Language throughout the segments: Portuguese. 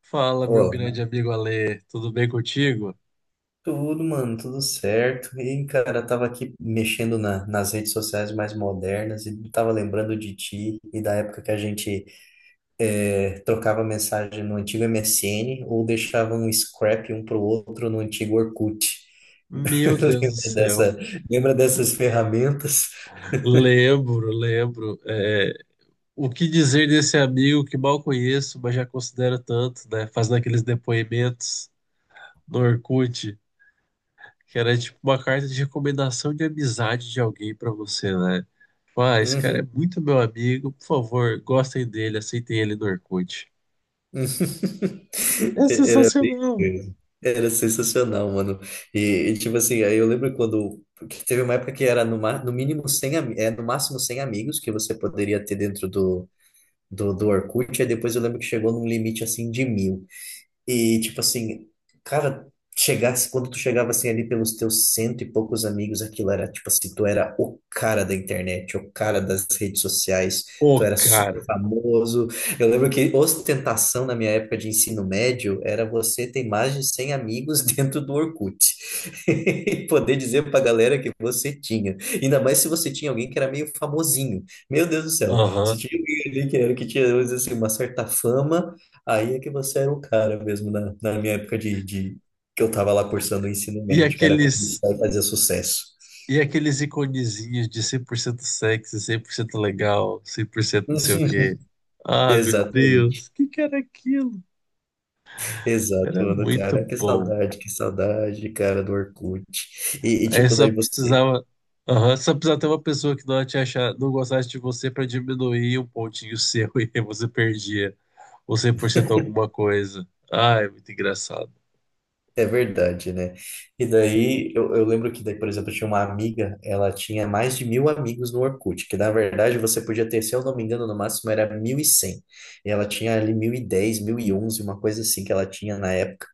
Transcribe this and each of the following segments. Fala, meu Olá, grande amigo Ale, tudo bem contigo? tudo, mano, tudo certo. E, cara, eu tava aqui mexendo nas redes sociais mais modernas e tava lembrando de ti e da época que a gente trocava mensagem no antigo MSN ou deixava um scrap um pro outro no antigo Orkut. Meu Deus do Lembra céu, dessa, Lembra dessas ferramentas? lembro, lembro. O que dizer desse amigo que mal conheço, mas já considero tanto, né? Fazendo aqueles depoimentos no Orkut, que era tipo uma carta de recomendação de amizade de alguém pra você, né? Ah, esse cara é Uhum. muito meu amigo, por favor, gostem dele, aceitem ele no Orkut. É Era bem sensacional. isso. Era sensacional, mano. E, tipo assim, aí eu lembro quando que teve uma época que era no mínimo 100, no máximo 100 amigos que você poderia ter dentro do Orkut. Aí depois eu lembro que chegou num limite assim de 1000. E, tipo assim, cara, quando tu chegava assim ali pelos teus cento e poucos amigos, aquilo era tipo assim, tu era o cara da internet, o cara das redes sociais, tu Pô, era super cara. famoso. Eu lembro que ostentação na minha época de ensino médio era você ter mais de 100 amigos dentro do Orkut. E poder dizer pra galera que você tinha. Ainda mais se você tinha alguém que era meio famosinho. Meu Deus do céu, se Aham. tinha alguém ali que era que tinha, vamos dizer assim, uma certa fama. Aí é que você era o cara mesmo na minha época de que eu tava lá cursando o ensino E médio, que era quando aqueles estudar e fazer sucesso. E aqueles iconezinhos de 100% sexy, 100% legal, 100% não sei o quê. Ah, meu Exatamente, Deus, o que que era aquilo? exato, Era mano, muito cara, bom. Que saudade, cara, do Orkut. Aí Tipo, só daí você. precisava, Aham, só precisava ter uma pessoa que não te achar, não gostasse de você para diminuir um pontinho seu e aí você perdia ou 100% alguma coisa. Ah, é muito engraçado. É verdade, né? E daí, eu lembro que daí, por exemplo, eu tinha uma amiga, ela tinha mais de 1000 amigos no Orkut, que na verdade você podia ter, se eu não me engano, no máximo era 1.100. E ela tinha ali 1.010, 1.011, uma coisa assim que ela tinha na época.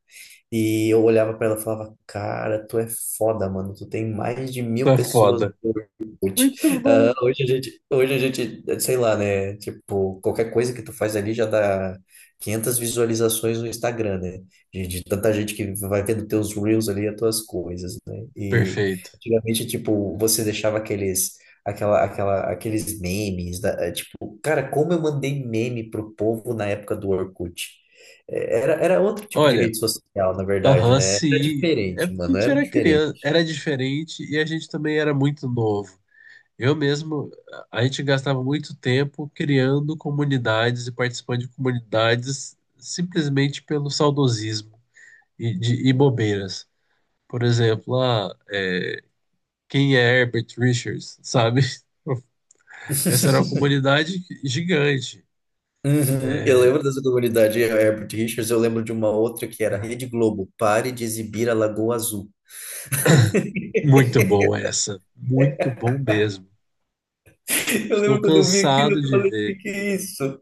E eu olhava pra ela e falava, cara, tu é foda, mano, tu tem mais de 1000 Tá pessoas no foda. Orkut. Muito bom. Hoje a gente, sei lá, né? Tipo, qualquer coisa que tu faz ali já dá 500 visualizações no Instagram, né? De tanta gente que vai vendo teus reels ali, as tuas coisas, né? E Perfeito. antigamente, tipo, você deixava aqueles memes, tipo, cara, como eu mandei meme pro povo na época do Orkut. Era outro tipo de Olha, rede social, na verdade, aham, né? Era sim. É diferente, porque a mano, gente era era diferente. criança, era diferente e a gente também era muito novo. Eu mesmo, a gente gastava muito tempo criando comunidades e participando de comunidades simplesmente pelo saudosismo e bobeiras. Por exemplo, ah, quem é Herbert Richards, sabe? Essa era uma comunidade gigante. Uhum, eu É. lembro dessa comunidade, Herbert Richards. Eu lembro de uma outra que era Rede Globo, pare de exibir a Lagoa Azul. Muito bom essa, muito bom mesmo. Eu Estou lembro quando eu vi aquilo, cansado eu de falei, o que ver. que é isso?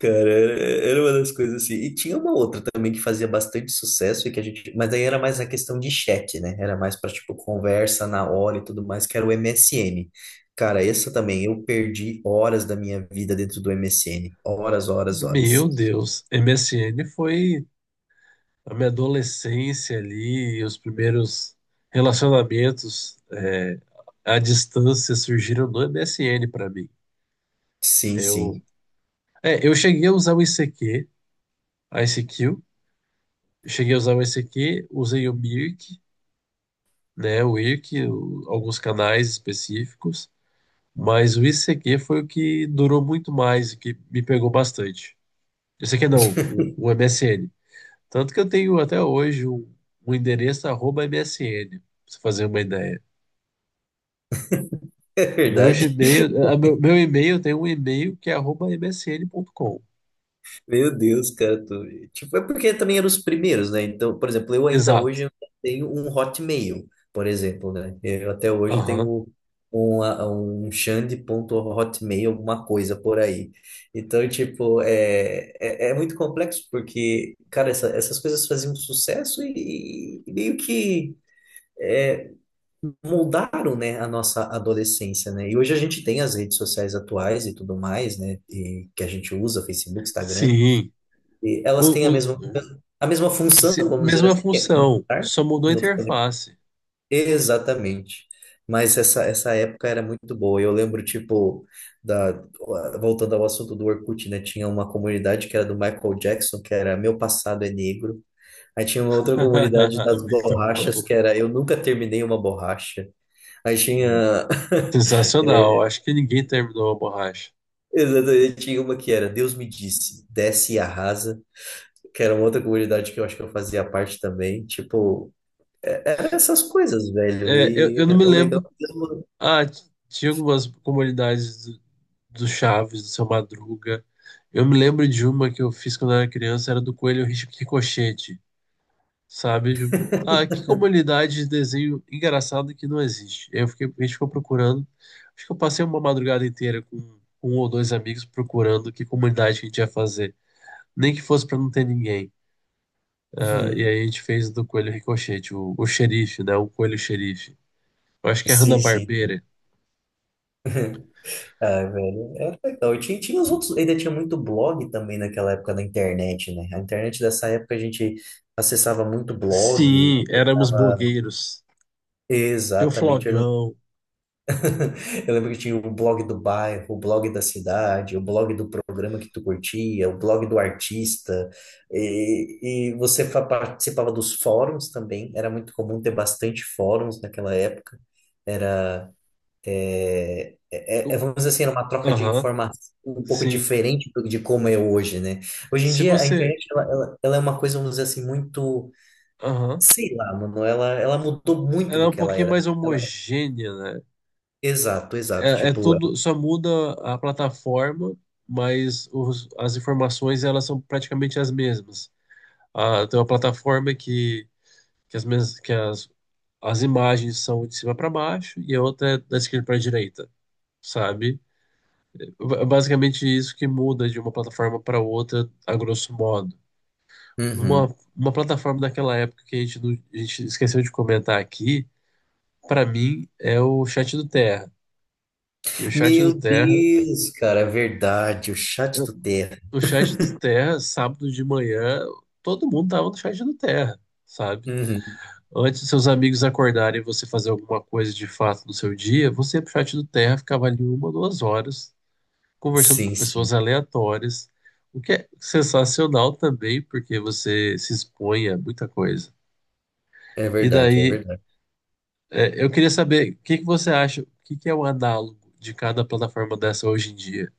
Cara, era uma das coisas assim. E tinha uma outra também que fazia bastante sucesso e que a gente, mas daí era mais a questão de chat, né? Era mais para tipo conversa na hora e tudo mais, que era o MSN. Cara, essa também, eu perdi horas da minha vida dentro do MSN, horas, horas, horas. Meu Deus, MSN foi a minha adolescência ali, e os primeiros relacionamentos à distância surgiram no MSN para mim. Sim, Eu, sim. eu cheguei a usar o ICQ, a ICQ, cheguei a usar o ICQ, usei o Mirk, né, o Irk, alguns canais específicos, mas o ICQ foi o que durou muito mais e que me pegou bastante. ICQ não, o, o MSN. Tanto que eu tenho até hoje um endereço arroba MSN, pra você fazer uma ideia. É O meu verdade. Gmail, meu e-mail tem um e-mail que é arroba MSN.com. Meu Deus, cara, tipo, é porque também eram os primeiros, né? Então, por exemplo, eu ainda Exato. hoje eu tenho um Hotmail, por exemplo, né? Eu até hoje Aham. tenho um Xande ponto hotmail, alguma coisa por aí. Então, tipo, é muito complexo porque, cara, essas coisas faziam sucesso e, meio que é, moldaram, né, a nossa adolescência, né? E hoje a gente tem as redes sociais atuais e tudo mais, né? E que a gente usa, Facebook, Instagram. Sim. E O, elas têm o- a mesma função, vamos dizer Mesma assim, que é função, conectar. só mudou a no- interface. Exatamente. Mas essa época era muito boa. Eu lembro, tipo, da, voltando ao assunto do Orkut, né? Tinha uma comunidade que era do Michael Jackson, que era Meu Passado é Negro. Aí tinha uma outra comunidade das Muito borrachas, bom. que era Eu Nunca Terminei Uma Borracha. Aí tinha Sensacional. Acho que ninguém terminou a borracha. Exatamente, tinha uma que era Deus me disse, desce e arrasa, que era uma outra comunidade que eu acho que eu fazia parte também. Era essas coisas, velho. É, eu, E eu não me o legal lembro. mesmo. Ah, tinha algumas comunidades do Chaves, do Seu Madruga. Eu me lembro de uma que eu fiz quando eu era criança, era do Coelho Ricochete, sabe? Tipo, ah, que comunidade de desenho engraçado que não existe. Eu fiquei, a gente ficou procurando. Acho que eu passei uma madrugada inteira com um ou dois amigos procurando que comunidade que a gente ia fazer. Nem que fosse pra não ter ninguém. Ah, e Uhum. aí a gente fez do Coelho Ricochete, o xerife, né? O Coelho Xerife. Eu acho que é a Sim, sim. Hanna-Barbera. Ah, velho, era legal. E tinha os outros, ainda tinha muito blog também naquela época da internet, né? A internet dessa época a gente acessava muito blog, Sim, éramos acessava. blogueiros. Tinha o Exatamente, Flogão. eu lembro que tinha o blog do bairro, o blog da cidade, o blog do programa que tu curtia, o blog do artista, e você participava dos fóruns também, era muito comum ter bastante fóruns naquela época. O- Vamos dizer assim, era uma troca de Aham, informação um pouco sim. diferente de como é hoje, né? Hoje em Se dia, a você. internet, ela é uma coisa, vamos dizer assim, muito, Aham. sei lá, mano, ela mudou muito Ela é do um que ela pouquinho era. mais Ela- homogênea, né? exato, exato. É, é tudo, só muda a plataforma, mas as informações elas são praticamente as mesmas. Ah, tem uma plataforma que as imagens são de cima para baixo e a outra é da esquerda para a direita, sabe? É basicamente isso que muda de uma plataforma para outra, a grosso modo. Uhum. Uma, uma plataforma daquela época que a gente, não- a gente esqueceu de comentar aqui, para mim, é o chat do Terra. E o chat do Meu Terra, Deus, cara, é verdade, o chat do Terra. o chat do Terra, sábado de manhã, todo mundo tava no chat do Terra, sabe? Uhum. Antes dos seus amigos acordarem e você fazer alguma coisa de fato no seu dia, você ia pro chat do Terra, ficava ali uma, 2 horas, conversando com Sim, sim, pessoas aleatórias, o que é sensacional também, porque você se expõe a muita coisa. é E verdade, é daí, verdade. Eu queria saber o que que você acha, o que que é o análogo de cada plataforma dessa hoje em dia?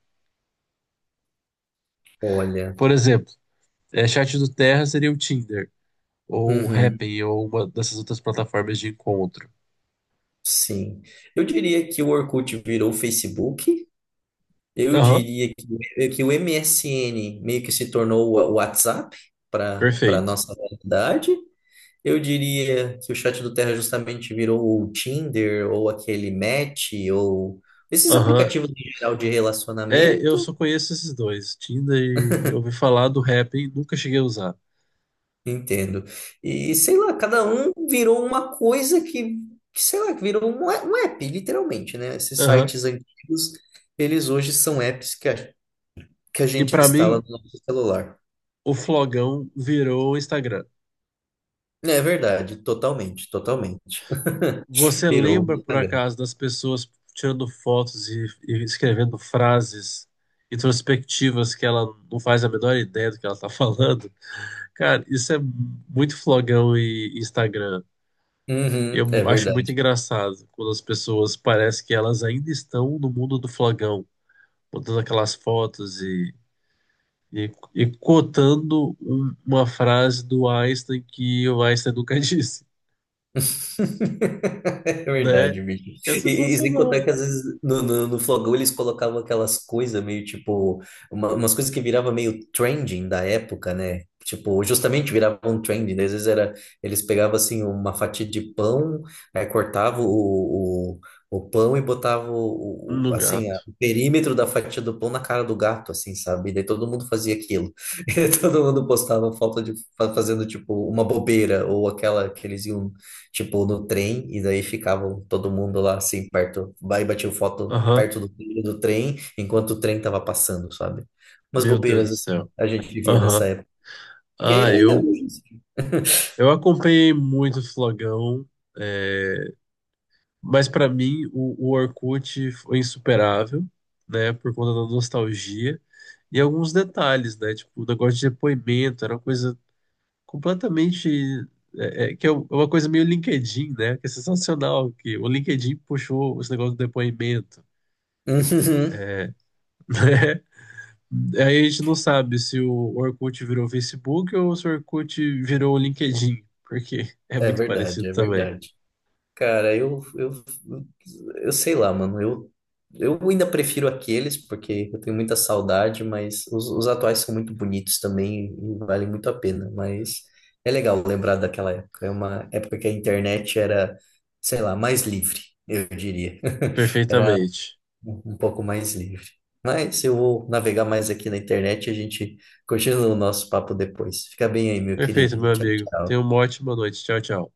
Olha, Por exemplo, Chat do Terra seria o Tinder, ou o uhum, Happn, ou uma dessas outras plataformas de encontro. sim. Eu diria que o Orkut virou o Facebook. Eu Aham, diria que o MSN meio que se tornou o WhatsApp para perfeito. nossa realidade. Eu diria que o chat do Terra justamente virou o Tinder ou aquele Match ou esses Aham. aplicativos em geral de É, eu relacionamento. só conheço esses dois, Tinder e eu ouvi falar do Happn, nunca cheguei a usar. Entendo. E sei lá, cada um virou uma coisa que sei lá, que virou um app, literalmente, né? Esses Aham. sites antigos, eles hoje são apps que a E gente pra instala mim, no nosso celular. o Flogão virou o Instagram. É verdade, totalmente, totalmente. Você Virou um lembra, por Instagram. acaso, das pessoas tirando fotos e escrevendo frases introspectivas que ela não faz a menor ideia do que ela tá falando? Cara, isso é muito flogão e Instagram. E eu Uhum, é acho muito verdade. engraçado quando as pessoas parecem que elas ainda estão no mundo do flogão, botando aquelas fotos e cotando uma frase do Einstein que o Einstein nunca disse, É né? verdade, bicho. Que é E sem contar sensacional. que às vezes no Flogão eles colocavam aquelas coisas meio tipo, umas coisas que virava meio trending da época, né? Tipo, justamente viravam trending, né? Às vezes eles pegavam assim uma fatia de pão, aí cortavam o pão e botavam No gato. o perímetro da fatia do pão na cara do gato, assim, sabe? E daí todo mundo fazia aquilo. E todo mundo postava foto de fazendo tipo uma bobeira ou aquela que eles iam tipo, no trem, e daí ficavam todo mundo lá, assim, perto, aí batiam foto Aham. perto do trilho do trem, enquanto o trem tava passando, sabe? Umas Meu Deus do bobeiras, assim, céu. a gente vivia nessa Aham. época. Porque Ah, ainda eu, hoje. eu acompanhei muito o Flogão, é, mas para mim o Orkut foi insuperável, né, por conta da nostalgia e alguns detalhes, né, tipo o negócio de depoimento, era uma coisa completamente, que é uma coisa meio LinkedIn, né, que é sensacional, que o LinkedIn puxou esse negócio do depoimento. Uhum. É, Aí a gente não sabe se o Orkut virou Facebook ou se o Orkut virou o LinkedIn, porque é É muito verdade, parecido é também. verdade. Cara, eu sei lá, mano. Eu ainda prefiro aqueles, porque eu tenho muita saudade, mas os atuais são muito bonitos também e valem muito a pena. Mas é legal lembrar daquela época. É uma época que a internet era, sei lá, mais livre, eu diria. Era Perfeitamente. um pouco mais livre. Mas eu vou navegar mais aqui na internet e a gente continua o nosso papo depois. Fica bem aí, meu Perfeito, querido. meu Tchau, amigo. Tenha tchau. uma ótima noite. Tchau, tchau.